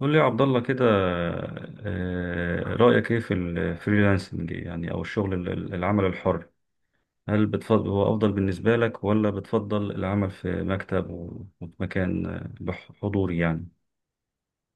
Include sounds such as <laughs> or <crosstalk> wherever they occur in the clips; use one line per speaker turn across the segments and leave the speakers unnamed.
قول لي يا عبد الله كده. رأيك ايه في الفريلانسنج يعني او الشغل العمل الحر؟ هل بتفضل هو افضل بالنسبة لك ولا بتفضل العمل في مكتب وفي مكان، حضوري يعني؟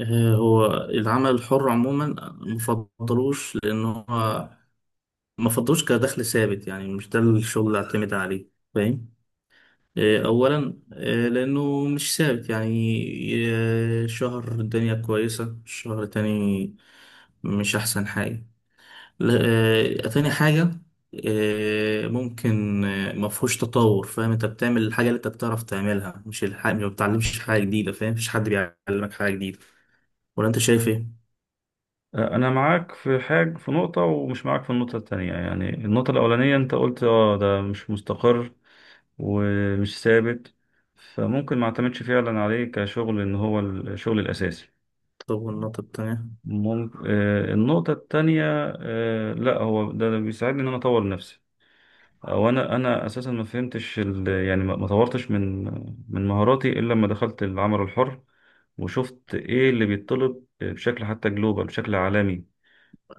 هو العمل الحر عموما مفضلوش، لان هو مفضلوش كدخل ثابت. يعني مش ده الشغل اللي اعتمد عليه، فاهم؟ اولا لانه مش ثابت يعني. شهر الدنيا كويسة، شهر تاني مش احسن حاجة. لا. تاني حاجة، ممكن مفهوش تطور. فاهم؟ انت بتعمل الحاجة اللي انت بتعرف تعملها، مش الحاجة ما بتعلمش حاجة جديدة. فاهم؟ مفيش حد بيعلمك حاجة جديدة، ولا انت شايف ايه؟
انا معاك في حاجة في نقطة ومش معاك في النقطة التانية. يعني النقطة الاولانية انت قلت ده مش مستقر ومش ثابت، فممكن ما اعتمدش فعلا عليه كشغل ان هو الشغل الاساسي.
طب والنقطة التانية؟
ممكن النقطة التانية، لا هو ده بيساعدني إن أنا أطور نفسي، أو أنا أساسا ما فهمتش يعني ما طورتش من مهاراتي إلا لما دخلت العمل الحر، وشفت إيه اللي بيتطلب بشكل حتى جلوبال، بشكل عالمي.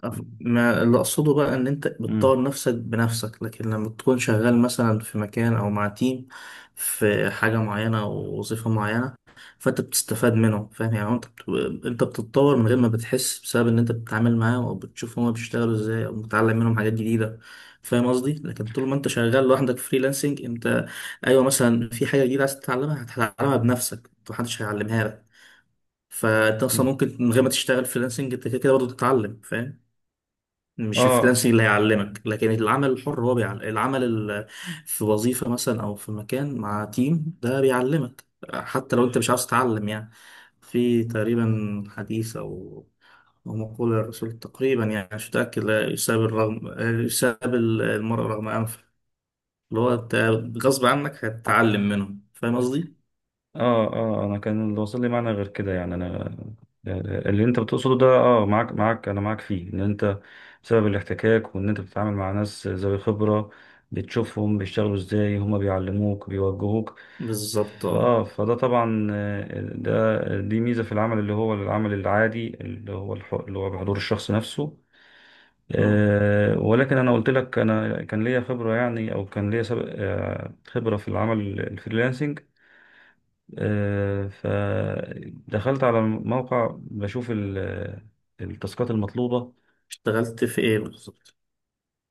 ما اللي أقصده بقى إن أنت
مم.
بتطور نفسك بنفسك، لكن لما تكون شغال مثلا في مكان أو مع تيم في حاجة معينة أو وظيفة معينة، فأنت بتستفاد منه. فاهم؟ يعني أنت أنت بتتطور من غير ما بتحس، بسبب إن أنت بتتعامل معاه أو بتشوف هما بيشتغلوا إزاي، أو بتتعلم منهم حاجات جديدة. فاهم قصدي؟ لكن طول ما أنت شغال لوحدك فريلانسنج، أنت أيوه مثلا في حاجة جديدة عايز تتعلمها هتتعلمها بنفسك، محدش هيعلمها لك. فانت اصلا
مم.
ممكن من غير ما تشتغل فريلانسنج انت كده كده برضه تتعلم. فاهم؟ مش
آه
الفريلانسنج اللي هيعلمك، لكن العمل الحر هو بيعلم. في وظيفة مثلا او في مكان مع تيم ده بيعلمك، حتى لو انت مش عاوز تتعلم يعني. في تقريبا حديث او أو مقولة الرسول، تقريبا يعني مش متأكد، لا يساب يساب المرء رغم أنفه. اللي هو أنت غصب عنك هتتعلم منهم. فاهم قصدي؟
اه انا كان اللي واصل لي معنى غير كده، يعني انا اللي انت بتقصده ده، اه معاك معاك انا معاك فيه ان انت بسبب الاحتكاك وان انت بتتعامل مع ناس ذوي خبرة، بتشوفهم بيشتغلوا ازاي، هما بيعلموك بيوجهوك.
بالظبط، اه.
فده طبعا، آه، ده دي ميزة في العمل اللي هو العمل العادي اللي هو اللي هو بحضور الشخص نفسه.
آه.
ولكن انا قلت لك انا كان ليا خبرة يعني او كان ليا سبق، خبرة في العمل الفريلانسنج. فدخلت على موقع بشوف التاسكات المطلوبة.
اشتغلت في إيه بالظبط؟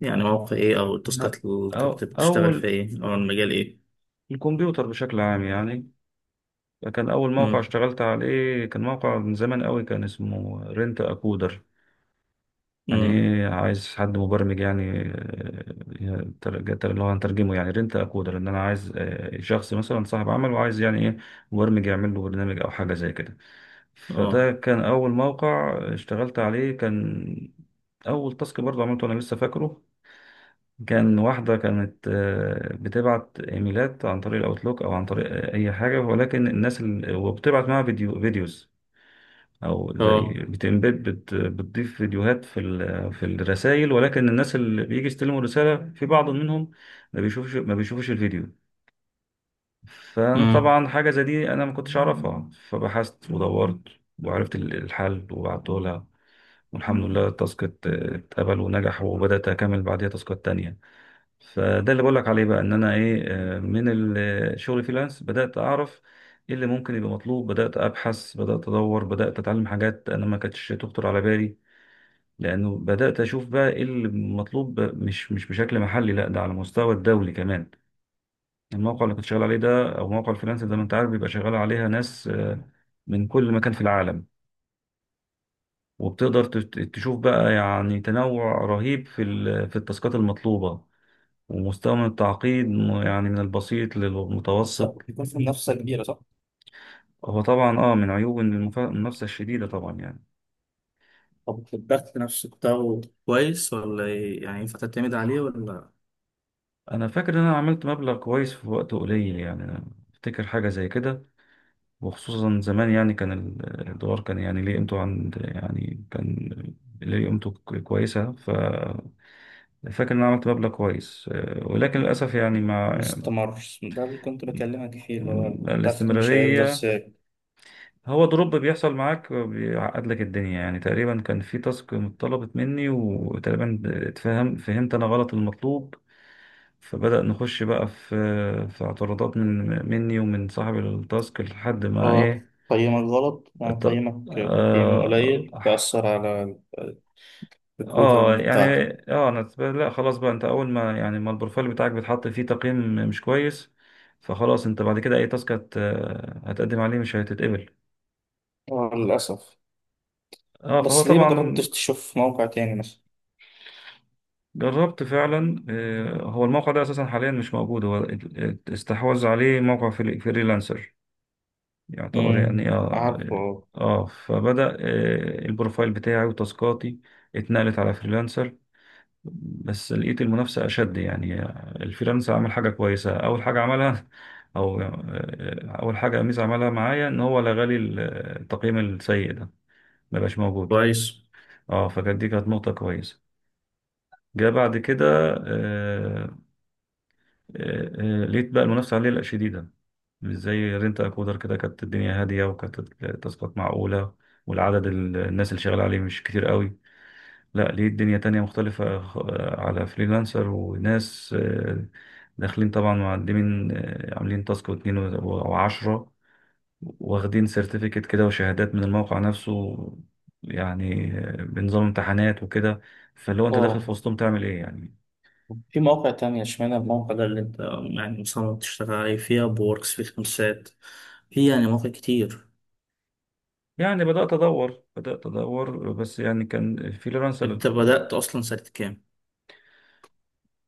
يعني مواقع ايه، او التاسكات اللي كنت
أو
بتشتغل في
أول
ايه، او المجال ايه؟
الكمبيوتر بشكل عام يعني. كان أول موقع
امم.
اشتغلت عليه كان موقع من زمان قوي، كان اسمه رنت أكودر. يعني
امم.
إيه عايز حد مبرمج يعني. اللي هو هنترجمه يعني رنت أكودر إن أنا عايز شخص مثلا صاحب عمل وعايز يعني إيه، مبرمج يعمل له برنامج أو حاجة زي كده.
اه،
فده كان أول موقع اشتغلت عليه. كان أول تاسك برضه عملته أنا لسه فاكره، كان واحدة كانت بتبعت إيميلات عن طريق الأوتلوك أو عن طريق أي حاجة، ولكن الناس وبتبعت معاها فيديو فيديوز، أو زي
اه.
بتمبيد بتضيف فيديوهات في في الرسائل، ولكن الناس اللي بيجي يستلموا الرسالة في بعض منهم ما بيشوفش الفيديو. فأنا
امم.
طبعا حاجة زي دي أنا ما كنتش أعرفها، فبحثت ودورت وعرفت الحل وبعته لها، والحمد لله التاسك اتقبل ونجح، وبدأت أكمل بعديها تاسكات تانية. فده اللي بقولك عليه بقى إن أنا إيه، من الشغل فريلانس بدأت أعرف إيه اللي ممكن يبقى مطلوب، بدأت أبحث بدأت أدور بدأت أتعلم حاجات أنا ما كانتش تخطر على بالي، لأنه بدأت أشوف بقى إيه اللي مطلوب مش بشكل محلي، لا ده على مستوى الدولي كمان. الموقع اللي كنت شغال عليه ده أو موقع الفريلانس زي ما أنت عارف بيبقى شغال عليها ناس من كل مكان في العالم، وبتقدر تشوف بقى يعني تنوع رهيب في في التاسكات المطلوبة، ومستوى من التعقيد، يعني من البسيط
بس
للمتوسط.
بيكون في منافسة كبيرة، صح؟
هو طبعا من عيوب إن المنافسة الشديدة طبعا يعني.
طب الضغط نفسه بتاعه كويس ولا إيه؟ يعني ينفع تعتمد عليه ولا
انا فاكر ان انا عملت مبلغ كويس في وقت قليل، يعني أنا افتكر حاجة زي كده، وخصوصا زمان يعني كان الدولار كان يعني ليه قيمته، عند يعني كان ليه قيمته كويسة، ففاكر ان انا عملت مبلغ كويس، ولكن للأسف يعني مع
مستمر؟ ده اللي كنت بكلمك فيه، اللي هو الدخل مش هيفضل
الاستمرارية.
ثابت.
هو دروب بيحصل معاك بيعقد لك الدنيا يعني، تقريبا كان في تاسك اتطلبت مني، وتقريبا فهمت انا غلط المطلوب، فبدأ نخش بقى في اعتراضات مني ومن صاحب التاسك لحد ما
اه،
ايه،
قيمك غلط، يعني
الت-
قيمك تقييم
اه,
قليل، وأثر على الريكروتنج
يعني
بتاعتك.
لا خلاص بقى، انت اول ما يعني ما البروفايل بتاعك بيتحط فيه تقييم مش كويس، فخلاص انت بعد كده اي تاسك هتقدم عليه مش هتتقبل.
اه، للأسف.
اه فهو
بس ليه ما
طبعا.
جربتش تشوف موقع تاني مثلا؟
جربت فعلا، هو الموقع ده اساسا حاليا مش موجود، هو استحوذ عليه موقع فريلانسر يعتبر يعني.
امم،
اه
عارفه.
اه فبدأ البروفايل بتاعي وتاسكاتي اتنقلت على فريلانسر، بس لقيت المنافسة أشد يعني. الفريلانسر عمل حاجة كويسة، أول حاجة عملها <laughs> أو أول حاجة ميزة عملها معايا إن هو لغى لي التقييم السيء ده، مبقاش موجود.
كويس.
اه فكانت دي كانت نقطة كويسة. جاء بعد كده آه، لقيت بقى المنافسة عليه لا شديدة، مش زي رينت أكودر. كده كانت الدنيا هادية وكانت التاسكات معقولة، والعدد الناس اللي شغالة عليه مش كتير قوي. لا ليه الدنيا تانية مختلفة، على فريلانسر، وناس داخلين طبعا معلمين، عاملين تاسك واتنين وعشرة، واخدين سيرتيفيكت كده وشهادات من الموقع نفسه، يعني بنظام امتحانات وكده. فاللي هو انت داخل في
اه.
وسطهم تعمل ايه يعني.
في مواقع تانية، اشمعنى الموقع ده اللي انت يعني مصمم تشتغل عليه؟ فيها بوركس، في خمسات، في يعني مواقع كتير.
يعني بدأت أدور، بدأت أدور بس يعني كان فريلانسر.
انت بدأت اصلا سنة كام؟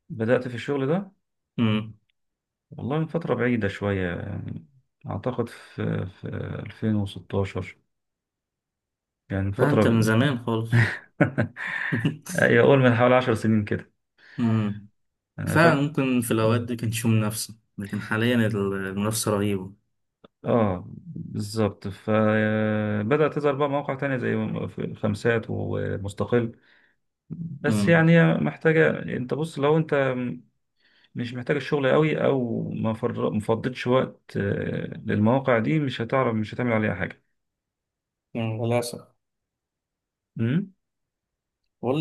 بدأت في الشغل ده
مم.
والله من فترة بعيدة شوية يعني، أعتقد في 2016، يعني من
لا انت
فترة.
من زمان خالص.
<laughs> أي
<laughs>
أقول من حوالي 10 سنين كده،
مم.
أنا
فعلا
فاكر.
ممكن في الاوقات دي كانش في منافسة، لكن حاليا المنافسة رهيبة.
بالظبط، فبدأت تظهر بقى مواقع تانية زي خمسات ومستقل، بس
مم.
يعني هي محتاجة. أنت بص لو أنت مش محتاجة الشغل قوي، او ما فضيتش وقت للمواقع دي، مش هتعرف مش هتعمل عليها حاجة.
مم، للأسف.
امم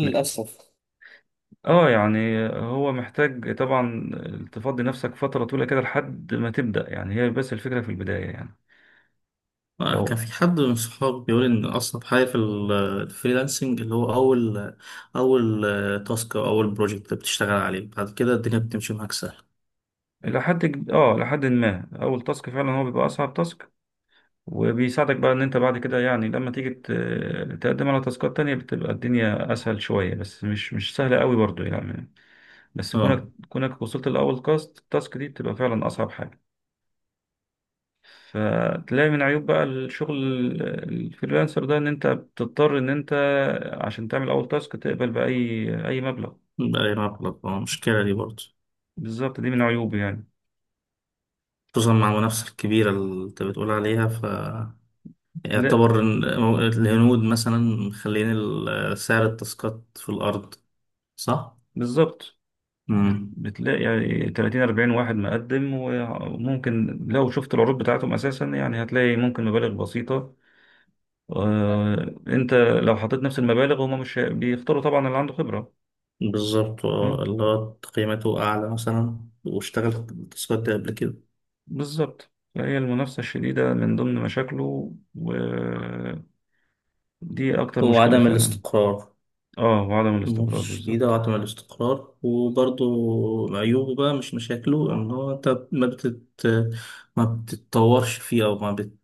م- اه يعني هو محتاج طبعا تفضي نفسك فترة طويلة كده لحد ما تبدأ يعني، هي بس الفكرة في البداية يعني.
كان
لو
في حد من صحابي بيقول ان اصعب حاجه في الفريلانسنج اللي هو اول تاسك او اول بروجكت بتشتغل عليه، بعد كده الدنيا بتمشي معاك سهل.
لحد ج- اه لحد ما اول تاسك، فعلا هو بيبقى اصعب تاسك، وبيساعدك بقى ان انت بعد كده يعني لما تيجي تقدم على تاسكات تانية، بتبقى الدنيا اسهل شوية، بس مش سهلة قوي برضو يعني. بس
اه
كونك وصلت لأول كاست التاسك، دي بتبقى فعلا أصعب حاجة. فتلاقي من عيوب بقى الشغل الفريلانسر ده إن أنت بتضطر إن أنت عشان تعمل أول تاسك تقبل بأي مبلغ.
بقى مبلغ، اه المشكله دي برضه.
بالظبط، دي من عيوبه يعني.
خصوصا مع المنافسه الكبيره اللي انت بتقول عليها، ف
بتلاقي
يعتبر إن الهنود مثلا مخلين سعر التاسكات في الارض، صح؟
بالظبط،
امم.
بتلاقي يعني 30 40 واحد مقدم، وممكن لو شفت العروض بتاعتهم أساسا يعني هتلاقي ممكن مبالغ بسيطة. أنت لو حطيت نفس المبالغ، هما مش بيختاروا طبعا اللي عنده خبرة.
بالظبط، اللي هو قيمته اعلى مثلا، واشتغل التاسكات دي قبل كده.
بالظبط، فهي المنافسة الشديدة من ضمن مشاكله، ودي أكتر مشكلة
وعدم
فعلا.
الاستقرار
اه وعدم الاستقرار
شديدة،
بالظبط.
وعدم الاستقرار. وبرضو عيوبه بقى، مش مشاكله، إن هو أنت ما بتتطورش فيه، أو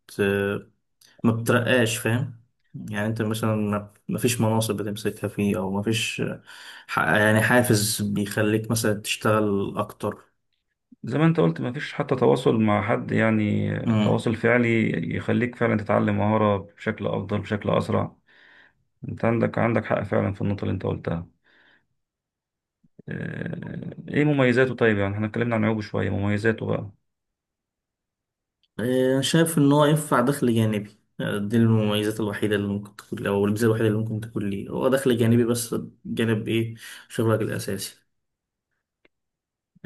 ما بترقاش. فاهم؟ يعني أنت مثلا ما فيش مناصب بتمسكها فيه، أو ما فيش يعني حافز بيخليك مثلا تشتغل أكتر.
زي ما انت قلت مفيش حتى تواصل مع حد يعني،
مم.
تواصل فعلي يخليك فعلا تتعلم مهارة بشكل أفضل، بشكل أسرع. انت عندك حق فعلا في النقطة اللي انت قلتها. ايه مميزاته، طيب يعني احنا اتكلمنا عن عيوبه شوية، مميزاته بقى.
إيه، شايف إن هو ينفع دخل جانبي. دي المميزات الوحيدة اللي ممكن تكون، أو الميزة الوحيدة اللي ممكن تكون ليه، هو دخل جانبي بس، جانب إيه؟ شغلك الأساسي.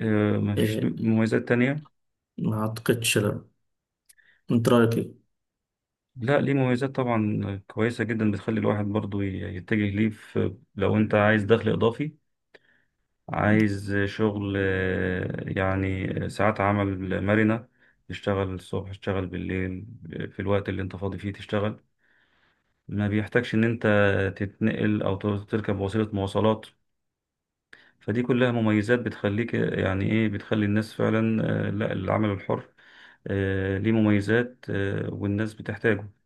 مفيش
آه،
مميزات تانية.
ما أعتقدش له. من تراي كي.
لا ليه مميزات طبعا كويسة جدا، بتخلي الواحد برضو يتجه ليه، في لو انت عايز دخل إضافي، عايز شغل يعني ساعات عمل مرنة، تشتغل الصبح تشتغل بالليل في الوقت اللي انت فاضي فيه تشتغل، ما بيحتاجش ان انت تتنقل او تركب وسيلة مواصلات. فدي كلها مميزات بتخليك، يعني ايه بتخلي الناس فعلا، لا العمل الحر، ليه مميزات، والناس بتحتاجه.